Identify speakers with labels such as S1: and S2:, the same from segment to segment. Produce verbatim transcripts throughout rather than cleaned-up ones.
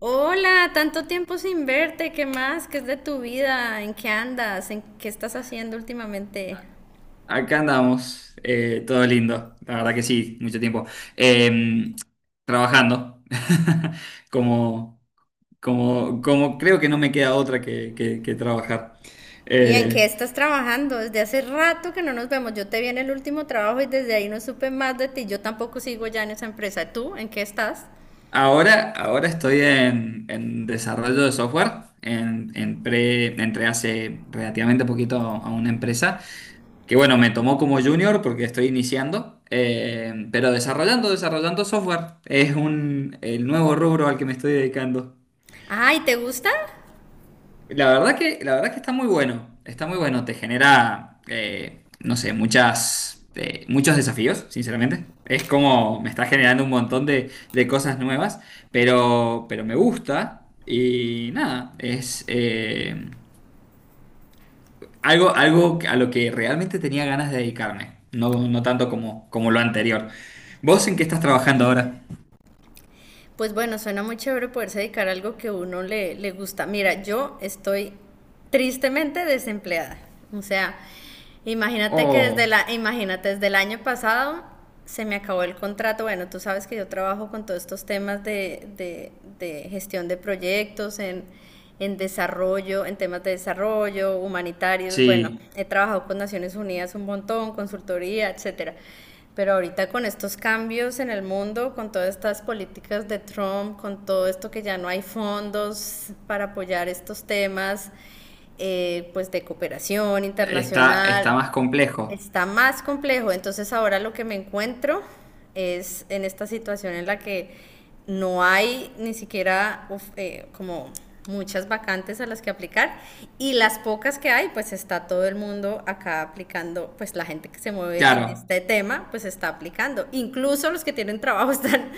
S1: Hola, tanto tiempo sin verte, ¿qué más? ¿Qué es de tu vida? ¿En qué andas? ¿En qué estás haciendo últimamente?
S2: Acá andamos, eh, todo lindo, la verdad que sí, mucho tiempo. Eh, trabajando, como, como, como creo que no me queda otra que, que- que trabajar.
S1: ¿Y en qué
S2: Eh,
S1: estás trabajando? Desde hace rato que no nos vemos. Yo te vi en el último trabajo y desde ahí no supe más de ti. Yo tampoco sigo ya en esa empresa. ¿Tú? ¿En qué estás?
S2: ahora, ahora estoy en, en desarrollo de software, en, en pre- entré hace relativamente poquito a una empresa que bueno, me tomó como junior porque estoy iniciando, eh, pero desarrollando, desarrollando software es un, el nuevo rubro al que me estoy dedicando.
S1: Ay, ¿te gusta?
S2: La verdad que, la verdad que está muy bueno, está muy bueno, te genera, eh, no sé, muchas, eh, muchos desafíos, sinceramente. Es como me está generando un montón de, de cosas nuevas, pero, pero me gusta y nada, es eh, algo, algo a lo que realmente tenía ganas de dedicarme, no, no tanto como, como lo anterior. ¿Vos en qué estás trabajando ahora?
S1: Pues bueno, suena muy chévere poderse dedicar a algo que a uno le, le gusta. Mira, yo estoy tristemente desempleada. O sea, imagínate que desde
S2: Oh,
S1: la, imagínate, desde el año pasado se me acabó el contrato. Bueno, tú sabes que yo trabajo con todos estos temas de, de- de gestión de proyectos, en, en desarrollo, en temas de desarrollo, humanitarios. Bueno,
S2: sí,
S1: he trabajado con Naciones Unidas un montón, consultoría, etcétera. Pero ahorita con estos cambios en el mundo, con todas estas políticas de Trump, con todo esto que ya no hay fondos para apoyar estos temas, eh, pues de cooperación
S2: está, está
S1: internacional.
S2: más complejo.
S1: Está más complejo, entonces ahora lo que me encuentro es en esta situación en la que no hay ni siquiera uf, eh, como muchas vacantes a las que aplicar, y las pocas que hay, pues está todo el mundo acá aplicando, pues la gente que se mueve
S2: Claro.
S1: en este tema, pues está aplicando. Incluso los que tienen trabajo están,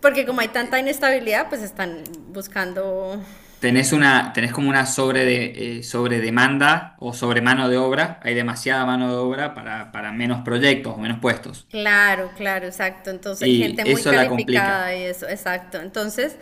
S1: porque como hay tanta inestabilidad, pues están buscando.
S2: Tenés una, tenés como una sobre de, eh, sobredemanda o sobre mano de obra, hay demasiada mano de obra para, para menos proyectos o menos puestos.
S1: Claro, claro, exacto. Entonces,
S2: Y
S1: gente muy
S2: eso la
S1: calificada
S2: complica.
S1: y eso, exacto. Entonces,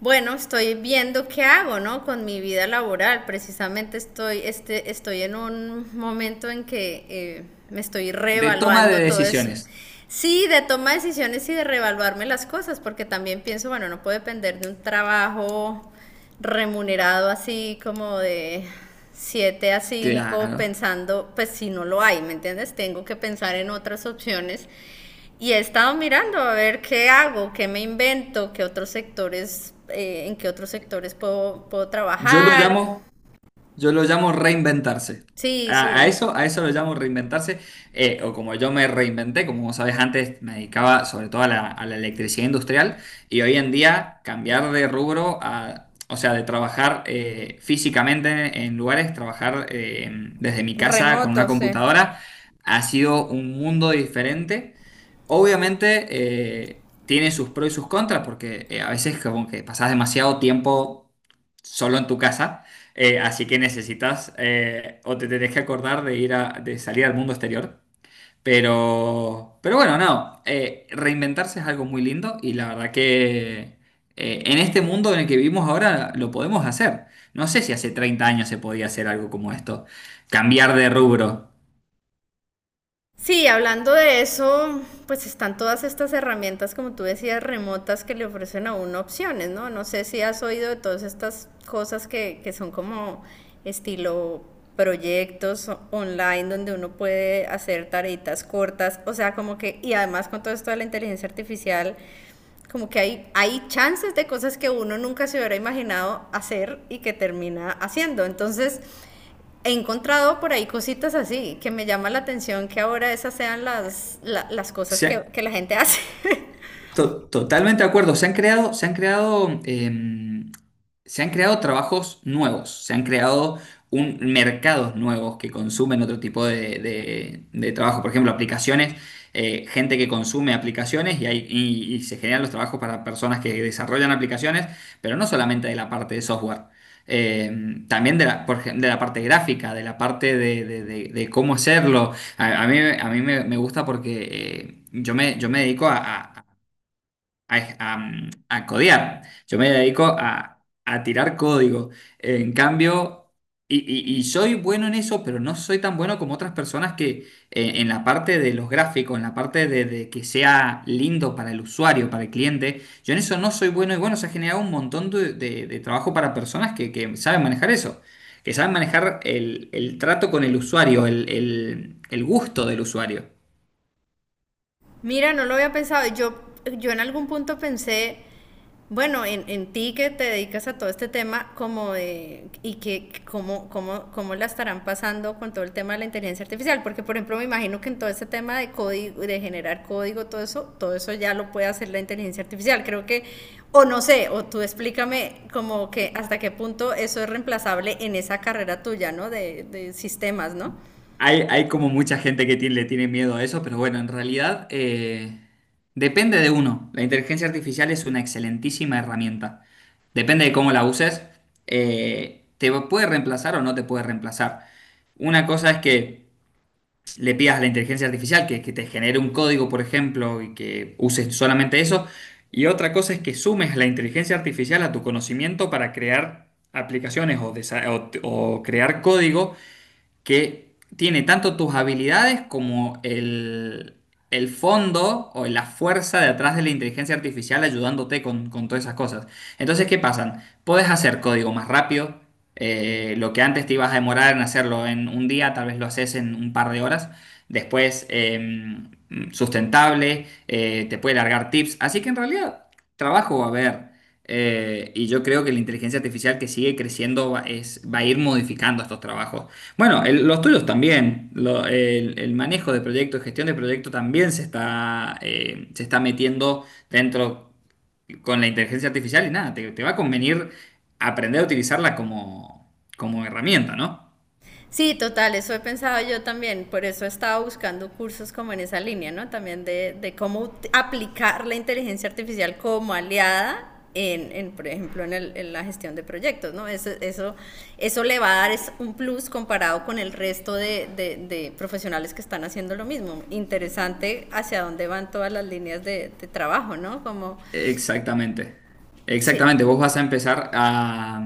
S1: bueno, estoy viendo qué hago, ¿no? Con mi vida laboral. Precisamente estoy, este, estoy en un momento en que eh, me estoy
S2: De toma de
S1: reevaluando todo eso.
S2: decisiones,
S1: Sí, de toma de decisiones y de reevaluarme las cosas, porque también pienso, bueno, no puedo depender de un trabajo remunerado así como de siete a cinco
S2: claro.
S1: pensando, pues si no lo hay, ¿me entiendes? Tengo que pensar en otras opciones y he estado mirando a ver qué hago, qué me invento, qué otros sectores, eh, en qué otros sectores puedo, puedo
S2: Yo lo
S1: trabajar.
S2: llamo Yo lo llamo reinventarse.
S1: Sí,
S2: A, a
S1: sí,
S2: eso, a eso lo llamo reinventarse. Eh, o como yo me reinventé, como vos sabés, antes me dedicaba sobre todo a la, a la electricidad industrial y hoy en día cambiar de rubro a, o sea, de trabajar eh, físicamente en lugares, trabajar eh, desde mi casa con una
S1: remoto, sí.
S2: computadora, ha sido un mundo diferente. Obviamente eh, tiene sus pros y sus contras porque eh, a veces como que pasás demasiado tiempo solo en tu casa, eh, así que necesitas eh, o te tenés que acordar de ir a, de salir al mundo exterior. Pero, pero bueno, no, eh, reinventarse es algo muy lindo y la verdad que eh, en este mundo en el que vivimos ahora lo podemos hacer. No sé si hace treinta años se podía hacer algo como esto, cambiar de rubro.
S1: Sí, hablando de eso, pues están todas estas herramientas, como tú decías, remotas que le ofrecen a uno opciones, ¿no? No sé si has oído de todas estas cosas que, que son como estilo proyectos o- online donde uno puede hacer tareitas cortas, o sea, como que, y además con todo esto de la inteligencia artificial, como que hay, hay chances de cosas que uno nunca se hubiera imaginado hacer y que termina haciendo. Entonces, he encontrado por ahí cositas así que me llama la atención que ahora esas sean las, la- las cosas
S2: Sí.
S1: que, que la gente hace.
S2: To- totalmente de acuerdo. Se han creado, se han creado, em, se han creado trabajos nuevos, se han creado un, mercados nuevos que consumen otro tipo de, de- de trabajo. Por ejemplo, aplicaciones, eh, gente que consume aplicaciones y, hay, y, y se generan los trabajos para personas que desarrollan aplicaciones, pero no solamente de la parte de software. Em, también de la, por ej- de la parte gráfica, de la parte de, de- de- de cómo hacerlo. A, a mí, a mí me, me gusta porque eh, yo me, yo me dedico a, a- a, a- mm, a codear. Yo me dedico a, a tirar código. En cambio, y, y- y soy bueno en eso, pero no soy tan bueno como otras personas que eh, en la parte de los gráficos, en la parte de, de que sea lindo para el usuario, para el cliente, yo en eso no soy bueno. Y bueno, se ha generado un montón de, de- de trabajo para personas que, que saben manejar eso, que saben manejar el, el trato con el usuario, el el- el gusto del usuario.
S1: Mira, no lo había pensado. Yo, yo en algún punto pensé, bueno, en, en ti que te dedicas a todo este tema, como de, y que cómo, cómo, cómo la estarán pasando con todo el tema de la inteligencia artificial, porque por ejemplo me imagino que en todo este tema de código, de generar código, todo eso, todo eso ya lo puede hacer la inteligencia artificial. Creo que, o no sé, o tú explícame como que hasta qué punto eso es reemplazable en esa carrera tuya, ¿no? De, de sistemas, ¿no?
S2: Hay, hay como mucha gente que tiene- le tiene miedo a eso, pero bueno, en realidad eh, depende de uno. La inteligencia artificial es una excelentísima herramienta. Depende de cómo la uses, eh, te puede reemplazar o no te puede reemplazar. Una cosa es que le pidas a la inteligencia artificial que, que te genere un código, por ejemplo, y que uses solamente eso. Y otra cosa es que sumes la inteligencia artificial a tu conocimiento para crear aplicaciones o, desa- o o crear código que tiene tanto tus habilidades como el, el fondo o la fuerza de atrás de la inteligencia artificial ayudándote con, con todas esas cosas. Entonces, ¿qué pasan? Puedes hacer código más rápido. Eh, lo que antes te ibas a demorar en hacerlo en un día, tal vez lo haces en un par de horas. Después, em, sustentable, eh, te puede largar tips. Así que en realidad, trabajo va a haber. Eh, y yo creo que la inteligencia artificial que sigue creciendo va, es- va a ir modificando estos trabajos. Bueno, el- los tuyos también. Lo- el, el manejo de proyectos, gestión de proyectos también se está, eh, se está metiendo dentro con la inteligencia artificial y nada, te, te va a convenir aprender a utilizarla como, como herramienta, ¿no?
S1: Sí, total, eso he pensado yo también, por eso he estado buscando cursos como en esa línea, ¿no? También de, de cómo ut- aplicar la inteligencia artificial como aliada en, en, por ejemplo, en, el- en la gestión de proyectos, ¿no? Eso, eso, eso le va a dar es un plus comparado con el resto de, de- de profesionales que están haciendo lo mismo. Interesante hacia dónde van todas las líneas de, de trabajo, ¿no? Como,
S2: Exactamente,
S1: sí,
S2: exactamente. Vos vas a empezar a,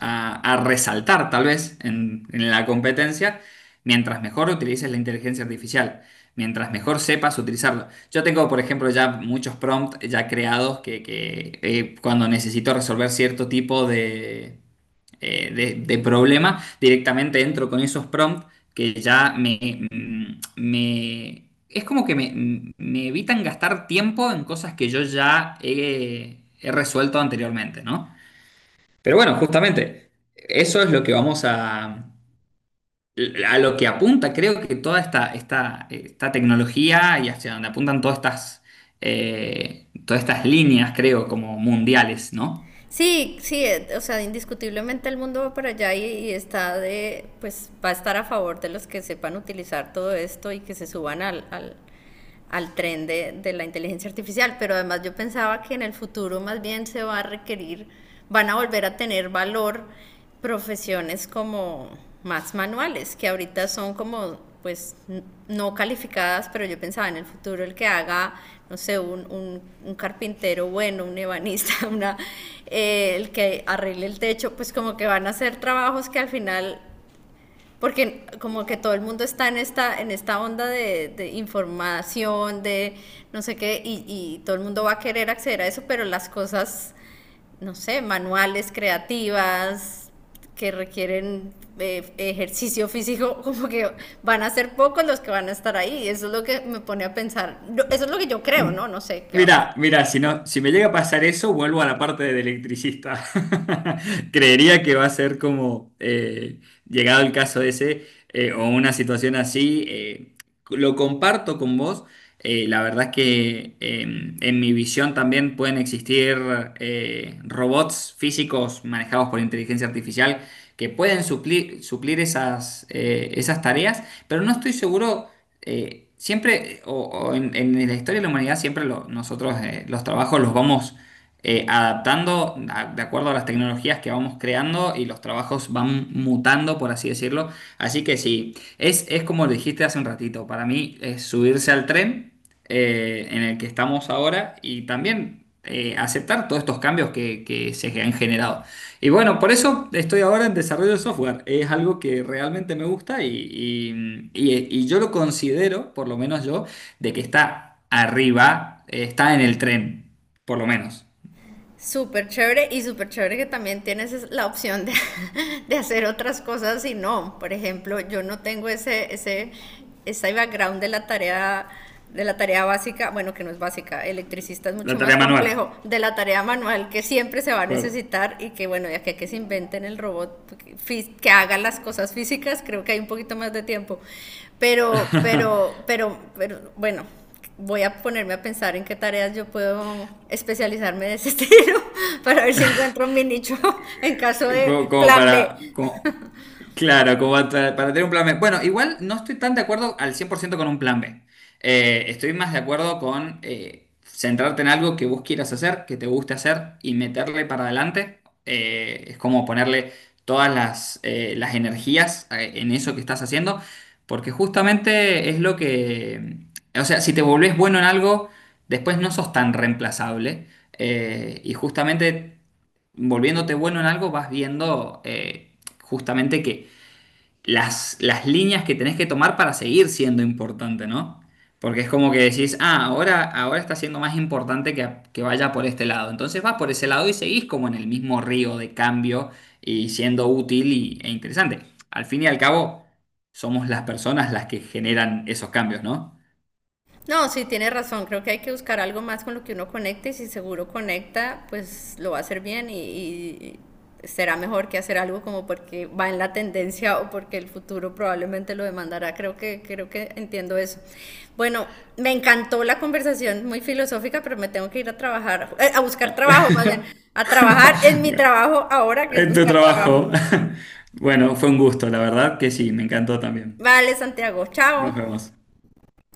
S2: a- a resaltar, tal vez, en, en la competencia, mientras mejor utilices la inteligencia artificial, mientras mejor sepas utilizarlo. Yo tengo, por ejemplo, ya muchos prompts ya creados que, que, eh, cuando necesito resolver cierto tipo de, eh, de, de problema, directamente entro con esos prompts que ya me, mm, me- es como que me, me evitan gastar tiempo en cosas que yo ya he, he resuelto anteriormente, ¿no? Pero bueno, justamente, eso es lo que vamos a, a lo que apunta, creo que toda esta, esta, esta tecnología y hacia donde apuntan todas estas, eh, todas estas líneas, creo, como mundiales, ¿no?
S1: sí, sí, eh, o sea, indiscutiblemente el mundo va para allá y, y está de, pues va a estar a favor de los que sepan utilizar todo esto y que se suban al, al, al tren de, de la inteligencia artificial. Pero además yo pensaba que en el futuro más bien se va a requerir, van a volver a tener valor profesiones como más manuales, que ahorita son como, pues, n- no calificadas, pero yo pensaba en el futuro el que haga, no sé, un, un- un carpintero bueno, un ebanista, una, eh, el que arregle el techo, pues como que van a ser trabajos que al final porque como que todo el mundo está en esta, en esta onda de, de información, de no sé qué, y, y todo el mundo va a querer acceder a eso, pero las cosas, no sé, manuales, creativas, que requieren eh, ejercicio físico, como que van a ser pocos los que van a estar ahí. Eso es lo que me pone a pensar. No, eso es lo que yo creo,
S2: Mm.
S1: ¿no? No sé qué va a pasar.
S2: Mira, mira, si no, si me llega a pasar eso, vuelvo a la parte del electricista. Creería que va a ser como, eh, llegado el caso ese, eh, o una situación así, eh, lo comparto con vos. Eh, la verdad es que eh, en mi visión también pueden existir eh, robots físicos manejados por inteligencia artificial que pueden suplir, suplir esas, eh, esas tareas, pero no estoy seguro. Eh, siempre, o, o en, en la historia de la humanidad, siempre lo- nosotros eh, los trabajos los vamos eh, adaptando a- de acuerdo a las tecnologías que vamos creando y los trabajos van mutando, por así decirlo. Así que sí, es, es como dijiste hace un ratito, para mí es subirse al tren eh, en el que estamos ahora y también eh, aceptar todos estos cambios que, que se han generado. Y bueno, por eso estoy ahora en desarrollo de software. Es algo que realmente me gusta y, y- y- y yo lo considero, por lo menos yo, de que está arriba, eh, está en el tren, por lo menos.
S1: Súper chévere y súper chévere que también tienes es- la opción de, de hacer otras cosas y no. Por ejemplo, yo no tengo ese, ese, ese background de la tarea, de la tarea básica, bueno, que no es básica, electricista es
S2: La
S1: mucho
S2: tarea
S1: más
S2: manual.
S1: complejo, de la tarea manual que siempre se va a
S2: Cor-
S1: necesitar y que bueno, ya que, que se inventen el robot que fí- que haga las cosas físicas, creo que hay un poquito más de tiempo. Pero, pero, pero, pero, bueno, voy a ponerme a pensar en qué tareas yo puedo especializarme de ese estilo para ver si encuentro mi nicho en caso
S2: co-
S1: de
S2: Como,
S1: plan B.
S2: para... como- Claro, como para, para tener un plan B. Bueno, igual no estoy tan de acuerdo al cien por ciento con un plan B. Eh, estoy más de acuerdo con eh, centrarte en algo que vos quieras hacer, que te guste hacer y meterle para adelante. Eh, es como ponerle todas las, eh, las energías eh, en eso que estás haciendo, porque justamente es lo que... O sea, si te volvés bueno en algo, después no sos tan reemplazable. Eh, y justamente volviéndote bueno en algo, vas viendo... eh, justamente que las, las líneas que tenés que tomar para seguir siendo importante, ¿no? Porque es como que decís, ah, ahora, ahora está siendo más importante que, que vaya por este lado. Entonces vas por ese lado y seguís como en el mismo río de cambio y siendo útil y- e interesante. Al fin y al cabo, somos las personas las que generan esos cambios, ¿no?
S1: No, sí, tiene razón. Creo que hay que buscar algo más con lo que uno conecte y si seguro conecta, pues lo va a hacer bien y, y será mejor que hacer algo como porque va en la tendencia o porque el futuro probablemente lo demandará. Creo que, creo que entiendo eso. Bueno, me encantó la conversación, muy filosófica, pero me tengo que ir a trabajar, eh, a buscar trabajo, más bien, a trabajar en mi trabajo ahora, que es
S2: En tu
S1: buscar trabajo.
S2: trabajo. Bueno, fue un gusto, la verdad que sí, me encantó también.
S1: Vale, Santiago, chao.
S2: Nos vemos.